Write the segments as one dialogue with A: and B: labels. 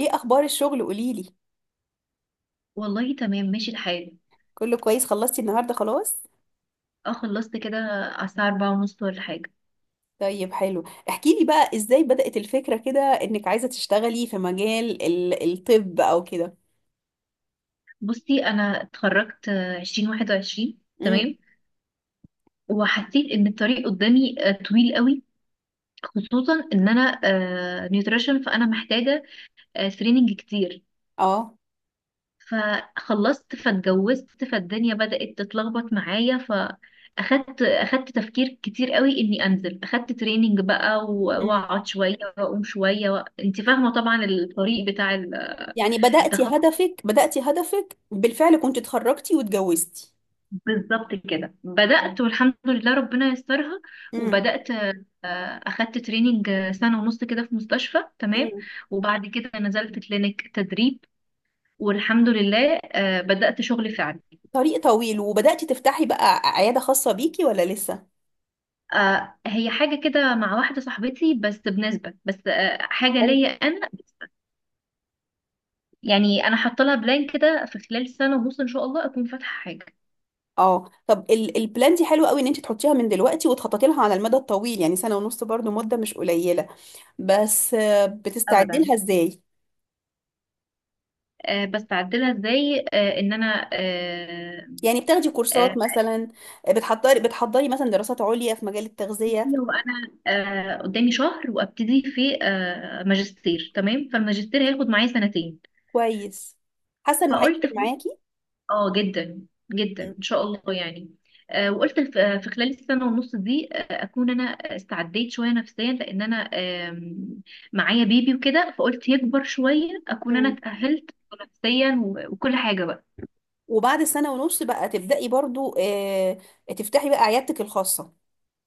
A: ايه اخبار الشغل قوليلي؟
B: والله تمام ماشي الحال.
A: كله كويس، خلصتي النهارده خلاص؟
B: اه، خلصت كده على الساعة 4:30 ولا حاجة.
A: طيب حلو، احكيلي بقى ازاي بدأت الفكرة كده انك عايزة تشتغلي في مجال الطب او كده.
B: بصي أنا اتخرجت 2021،
A: امم
B: تمام. وحسيت إن الطريق قدامي طويل قوي، خصوصا إن أنا نيوتريشن، فأنا محتاجة تريننج كتير.
A: اه
B: فخلصت، فاتجوزت، فالدنيا بدأت تتلخبط معايا، فأخدت تفكير كتير قوي إني أنزل أخدت تريننج بقى،
A: امم
B: وأقعد شوية وأقوم شوية أنت فاهمة طبعا الطريق بتاع
A: يعني بدأتي
B: التخصص.
A: هدفك بدأتي هدفك بالفعل، كنت اتخرجتي واتجوزتي.
B: بالظبط كده بدأت، والحمد لله ربنا يسترها.
A: امم
B: وبدأت، أخدت تريننج سنة ونص كده في مستشفى، تمام.
A: امم.
B: وبعد كده نزلت كلينيك تدريب، والحمد لله بدأت شغل فعلي.
A: طريق طويل. وبدأتي تفتحي بقى عيادة خاصة بيكي ولا لسه؟
B: هي حاجة كده مع واحدة صاحبتي، بس بنسبة، بس حاجة
A: حلو.
B: ليا أنا. يعني أنا حاطة لها بلان كده في خلال سنة ونص، إن شاء الله أكون فاتحة حاجة.
A: اه، طب البلان دي حلوه قوي ان انت تحطيها من دلوقتي وتخططي لها على المدى الطويل، يعني سنه ونص برضو مده مش قليله. بس بتستعدي
B: أبدا.
A: لها ازاي؟
B: بس أعدلها إزاي؟ إن أنا
A: يعني بتاخدي كورسات
B: آه،
A: مثلا، بتحضري مثلا دراسات عليا في مجال التغذية؟
B: لو انا قدامي شهر وابتدي في ماجستير، تمام. فالماجستير هياخد معايا سنتين.
A: كويس. حاسة انه
B: فقلت
A: هيفرق معاكي.
B: اه، جدا جدا
A: مم.
B: ان شاء الله يعني. وقلت في خلال السنه ونص دي اكون انا استعديت شويه نفسيا، لان انا آم، معايا بيبي وكده. فقلت يكبر شويه اكون انا
A: مم.
B: اتاهلت نفسيا وكل حاجه بقى.
A: وبعد سنة ونص بقى تبدأي برضو، تفتحي بقى عيادتك الخاصة.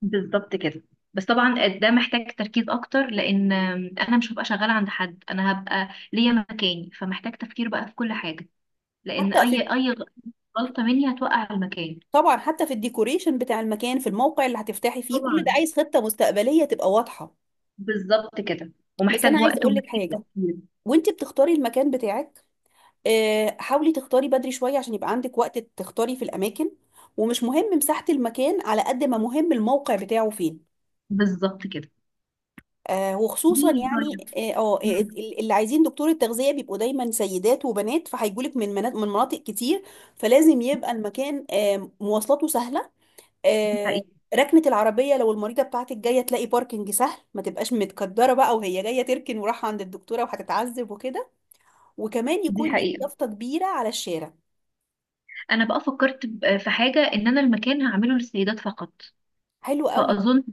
B: بالظبط كده. بس طبعا ده محتاج تركيز اكتر، لان انا مش هبقى شغاله عند حد، انا هبقى ليا مكاني. فمحتاج تفكير بقى في كل حاجه، لان
A: حتى
B: اي
A: في
B: اي غلطه مني هتوقع المكان.
A: طبعا حتى في الديكوريشن بتاع المكان، في الموقع اللي هتفتحي فيه، كل ده
B: طبعا،
A: عايز خطة مستقبلية تبقى واضحة.
B: بالظبط كده،
A: بس انا
B: ومحتاج
A: عايزة
B: وقت
A: اقول لك
B: ومحتاج
A: حاجة
B: تفكير.
A: وانت بتختاري المكان بتاعك: حاولي تختاري بدري شوية عشان يبقى عندك وقت تختاري في الأماكن. ومش مهم مساحة المكان على قد ما مهم الموقع بتاعه فين.
B: بالظبط كده.
A: آه
B: دي
A: وخصوصا
B: طيب.
A: يعني اه آه، آه،
B: مم.
A: ال- اللي عايزين دكتور التغذية بيبقوا دايما سيدات وبنات، فهيجولك من من مناطق كتير. فلازم يبقى المكان آه مواصلاته سهلة.
B: دي
A: آه،
B: حقيقة.
A: ركنة العربية، لو المريضة بتاعتك جاية تلاقي باركنج سهل ما تبقاش متكدرة بقى وهي جاية تركن وراح عند الدكتورة وهتتعذب وكده. وكمان
B: دي
A: يكون ليكي
B: حقيقة.
A: يافطة كبيرة على الشارع.
B: أنا بقى فكرت، في حاجة، إن أنا المكان هعمله للسيدات فقط.
A: حلو قوي.
B: فأظن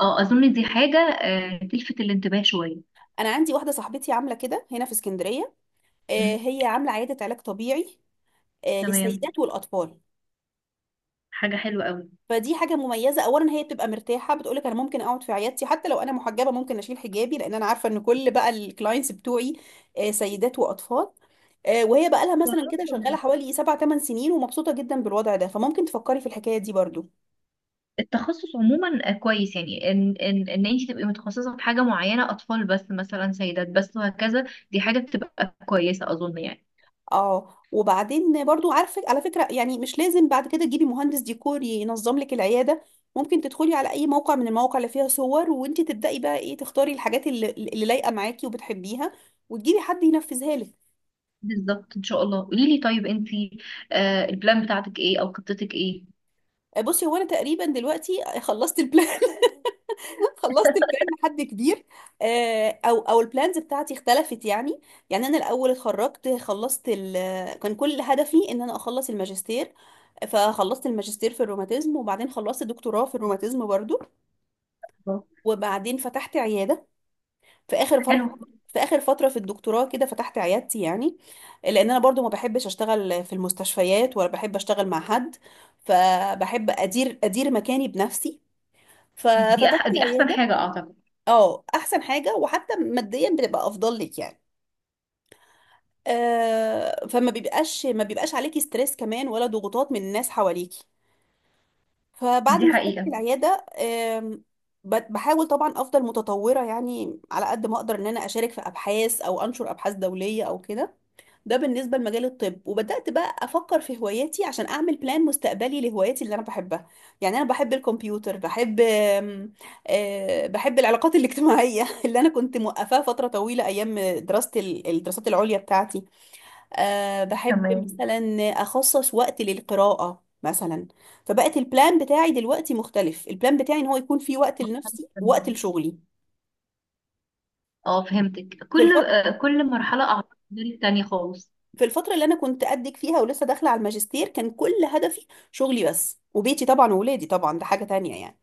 B: اه أظن دي حاجة تلفت الانتباه شوية.
A: انا عندي واحده صاحبتي عامله كده هنا في اسكندريه،
B: مم.
A: هي عامله عياده علاج طبيعي،
B: تمام.
A: للسيدات والاطفال.
B: حاجة حلوة أوي.
A: فدي حاجه مميزه، اولا هي بتبقى مرتاحه، بتقولك انا ممكن اقعد في عيادتي حتى لو انا محجبه، ممكن اشيل حجابي لان انا عارفه ان كل بقى الكلاينتس بتوعي سيدات واطفال. وهي بقى لها مثلا كده شغاله حوالي 7 8 سنين ومبسوطه جدا بالوضع ده، فممكن تفكري في الحكايه دي برضو.
B: التخصص عموما كويس، يعني ان انت تبقي متخصصه في حاجه معينه، اطفال بس مثلا، سيدات بس، وهكذا. دي حاجه بتبقى كويسه اظن يعني.
A: اه، وبعدين برضو عارفه على فكره، يعني مش لازم بعد كده تجيبي مهندس ديكور ينظم لك العياده. ممكن تدخلي على اي موقع من المواقع اللي فيها صور وانت تبداي بقى ايه تختاري الحاجات اللي لايقه معاكي وبتحبيها، وتجيبي حد ينفذها لك.
B: بالظبط، ان شاء الله. قولي لي طيب، انت البلان بتاعتك ايه، او خطتك ايه؟
A: بصي، هو انا تقريبا دلوقتي خلصت البلان خلصت البلان لحد كبير. او البلانز بتاعتي اختلفت يعني. يعني انا الاول اتخرجت، خلصت كان كل هدفي ان انا اخلص الماجستير. فخلصت الماجستير في الروماتيزم وبعدين خلصت دكتوراه في الروماتيزم برضو.
B: بالظبط.
A: وبعدين فتحت عيادة في اخر
B: حلو.
A: في اخر فترة في الدكتوراه كده فتحت عيادتي يعني. لان انا برضو ما بحبش اشتغل في المستشفيات ولا بحب اشتغل مع حد، فبحب ادير مكاني بنفسي.
B: دي
A: ففتحت
B: أح دي احسن
A: عيادة.
B: حاجه اعتقد.
A: اه احسن حاجه، وحتى ماديا بتبقى افضل لك يعني. آه، فما بيبقاش ما بيبقاش عليكي ستريس كمان ولا ضغوطات من الناس حواليكي. فبعد
B: دي
A: ما فتحت
B: حقيقه.
A: العياده، بحاول طبعا افضل متطوره يعني على قد ما اقدر ان انا اشارك في ابحاث او انشر ابحاث دوليه او كده. ده بالنسبة لمجال الطب. وبدأت بقى أفكر في هواياتي عشان أعمل بلان مستقبلي لهواياتي اللي أنا بحبها. يعني أنا بحب الكمبيوتر، بحب آم، آه، بحب العلاقات الاجتماعية اللي أنا كنت موقفاها فترة طويلة أيام دراستي الدراسات العليا بتاعتي. بحب
B: تمام.
A: مثلا أخصص وقت للقراءة مثلا. فبقت البلان بتاعي دلوقتي مختلف، البلان بتاعي إن هو يكون في وقت لنفسي ووقت
B: تمام.
A: لشغلي.
B: اه، فهمتك.
A: في
B: كل
A: الفترة
B: آه كل مرحله اعتقد غير التانيه خالص.
A: في الفترة اللي أنا كنت قدك فيها ولسه داخلة على الماجستير كان كل هدفي شغلي بس، وبيتي طبعا وولادي طبعا ده حاجة تانية يعني.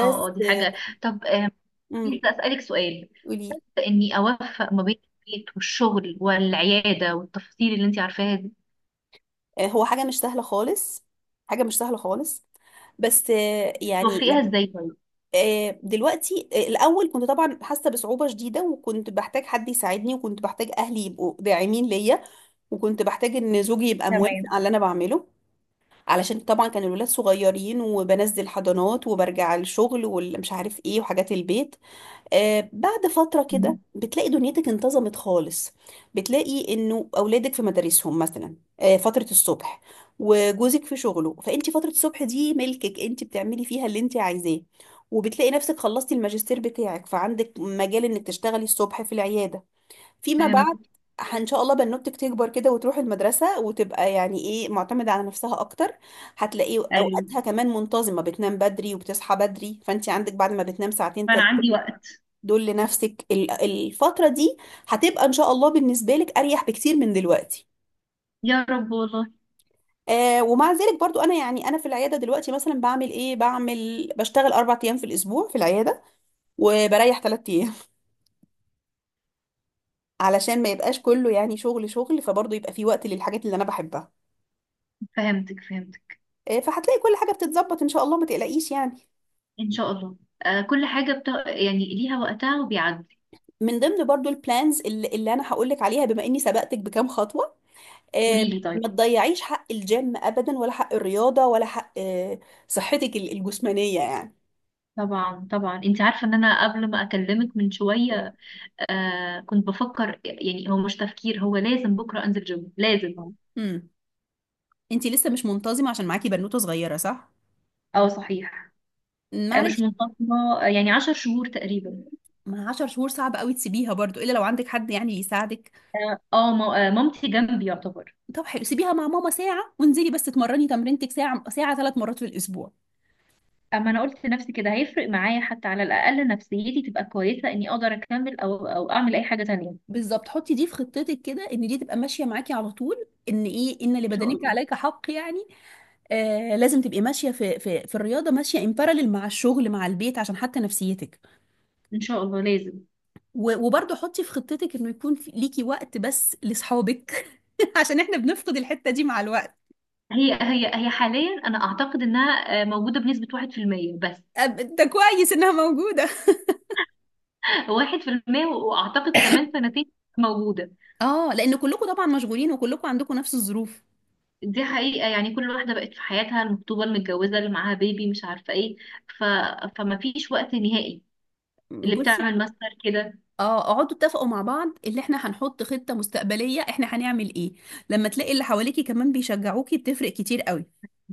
B: اه، اه، دي حاجه. طب،
A: امم
B: عايزة أسألك سؤال.
A: قولي.
B: شايفة إني أوفق ما بين البيت والشغل والعيادة والتفاصيل اللي أنت عارفاها دي،
A: هو حاجة مش سهلة خالص، حاجة مش سهلة خالص. بس
B: توفقيها إزاي طيب؟
A: دلوقتي، الأول كنت طبعا حاسة بصعوبة شديدة، وكنت بحتاج حد يساعدني وكنت بحتاج أهلي يبقوا داعمين ليا وكنت بحتاج ان زوجي يبقى موافق
B: تمام.
A: على اللي انا بعمله، علشان طبعا كان الولاد صغيرين وبنزل حضانات وبرجع الشغل والمش عارف ايه وحاجات البيت. بعد فترة كده
B: مم.
A: بتلاقي دنيتك انتظمت خالص. بتلاقي انه اولادك في مدارسهم مثلا فترة الصبح، وجوزك في شغله، فانت فترة الصبح دي ملكك، انت بتعملي فيها اللي انت عايزاه. وبتلاقي نفسك خلصتي الماجستير بتاعك فعندك مجال انك تشتغلي الصبح في العيادة فيما بعد.
B: فهمت.
A: ان شاء الله بنوتك تكبر كده وتروح المدرسة وتبقى يعني ايه معتمدة على نفسها اكتر، هتلاقي
B: ايوه.
A: اوقاتها كمان منتظمة، بتنام بدري وبتصحى بدري، فانت عندك بعد ما بتنام ساعتين
B: فانا عندي وقت.
A: دول لنفسك. الفترة دي هتبقى إن شاء الله بالنسبة لك أريح بكتير من دلوقتي.
B: يا رب والله.
A: آه، ومع ذلك برضو أنا يعني أنا في العيادة دلوقتي مثلا بعمل إيه، بعمل بشتغل أربع أيام في الأسبوع في العيادة وبريح تلات أيام علشان ما يبقاش كله يعني شغل شغل، فبرضو يبقى في وقت للحاجات اللي أنا بحبها.
B: فهمتك فهمتك.
A: فهتلاقي كل حاجة بتتظبط إن شاء الله ما تقلقيش يعني.
B: إن شاء الله. كل حاجة يعني ليها وقتها وبيعدي.
A: من ضمن برضو البلانز اللي أنا هقولك عليها بما إني سبقتك بكام خطوة، آه،
B: قولي لي طيب.
A: ما تضيعيش حق الجيم ابدا ولا حق الرياضه ولا حق، صحتك الجسمانيه يعني.
B: طبعا طبعا، انت عارفه ان انا قبل ما اكلمك من شويه كنت بفكر، يعني هو مش تفكير، هو لازم بكره انزل جيم، لازم.
A: آه. امم. انتي لسه مش منتظمه عشان معاكي بنوته صغيره صح؟
B: اه، صحيح. مش
A: معلش.
B: منفصلة، يعني 10 شهور تقريبا.
A: ما 10 شهور صعب قوي تسيبيها برضو، الا لو عندك حد يعني يساعدك.
B: اه، مامتي جنبي يعتبر.
A: طب حلو، سيبيها مع ماما ساعه وانزلي بس اتمرني تمرينتك ساعه ساعه، ثلاث مرات في الاسبوع.
B: اما انا قلت لنفسي كده، هيفرق معايا حتى على الاقل نفسيتي تبقى كويسة، اني اقدر اكمل او اعمل اي حاجة تانية، إن
A: بالظبط، حطي دي في خطتك كده ان دي تبقى ماشيه معاكي على طول، ان ايه ان
B: شاء
A: لبدنك
B: الله.
A: عليك حق يعني. آه، لازم تبقي ماشيه في الرياضه، ماشيه امبارالل مع الشغل مع البيت، عشان حتى نفسيتك.
B: ان شاء الله، لازم.
A: وبرضه حطي في خطتك انه يكون ليكي وقت بس لاصحابك عشان احنا بنفقد الحته دي مع الوقت.
B: هي حاليا انا اعتقد انها موجودة بنسبة 1% بس.
A: ده كويس انها موجوده.
B: 1% واعتقد كمان سنتين موجودة.
A: اه لان كلكم طبعا مشغولين وكلكم عندكم نفس الظروف.
B: دي حقيقة، يعني كل واحدة بقت في حياتها، المخطوبة، المتجوزة اللي معاها بيبي، مش عارفة ايه. ف... فما فيش وقت نهائي اللي
A: بصي،
B: بتعمل ماستر كده.
A: اه، اقعدوا اتفقوا مع بعض اللي احنا هنحط خطه مستقبليه، احنا هنعمل ايه. لما تلاقي اللي حواليكي كمان بيشجعوكي بتفرق كتير قوي.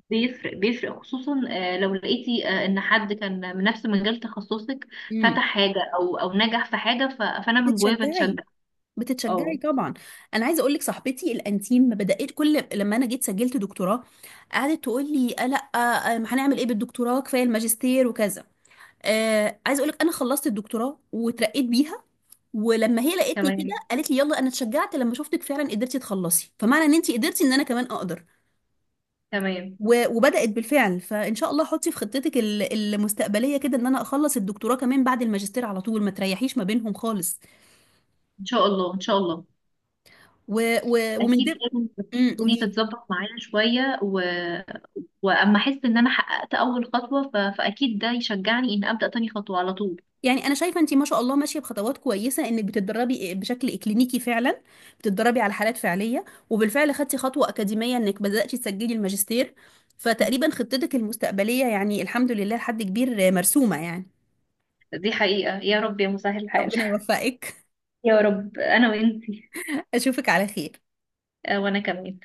B: بيفرق بيفرق، خصوصا لو لقيتي ان حد كان من نفس مجال تخصصك
A: امم.
B: فتح حاجة او نجح في حاجة، فانا من جوايا
A: بتتشجعي
B: بتشجع.
A: بتتشجعي
B: اه.
A: طبعا. انا عايزه اقول لك، صاحبتي الانتيم ما بدات كل لما انا جيت سجلت دكتوراه، قعدت تقول لي آه لا، آه ما هنعمل ايه بالدكتوراه، كفايه الماجستير وكذا. آه، عايزه اقول لك انا خلصت الدكتوراه وترقيت بيها. ولما هي لقيتني كده
B: تمام
A: قالت لي يلا، انا اتشجعت لما شفتك فعلا قدرتي تخلصي، فمعنى ان انت قدرتي ان انا كمان اقدر.
B: تمام،
A: وبدات بالفعل. فان شاء الله حطي في خطتك المستقبليه كده ان انا اخلص الدكتوراه كمان بعد الماجستير على طول، ما تريحيش ما بينهم خالص.
B: ان شاء الله ان شاء الله،
A: و... ومن
B: اكيد
A: ده
B: لازم. الدنيا
A: قولي.
B: تتظبط معايا شوية واما احس ان انا حققت اول خطوة، فاكيد ده يشجعني ان ابدأ تاني خطوة على طول.
A: يعني انا شايفه انت ما شاء الله ماشيه بخطوات كويسه، انك بتتدربي بشكل اكلينيكي فعلا، بتتدربي على حالات فعليه، وبالفعل خدتي خطوه اكاديميه انك بداتي تسجلي الماجستير. فتقريبا خطتك المستقبليه يعني الحمد لله لحد كبير مرسومه يعني.
B: دي حقيقة، يا رب يا مسهل الحال.
A: ربنا يوفقك.
B: يا رب انا وانتي.
A: اشوفك على خير.
B: وانا كمان.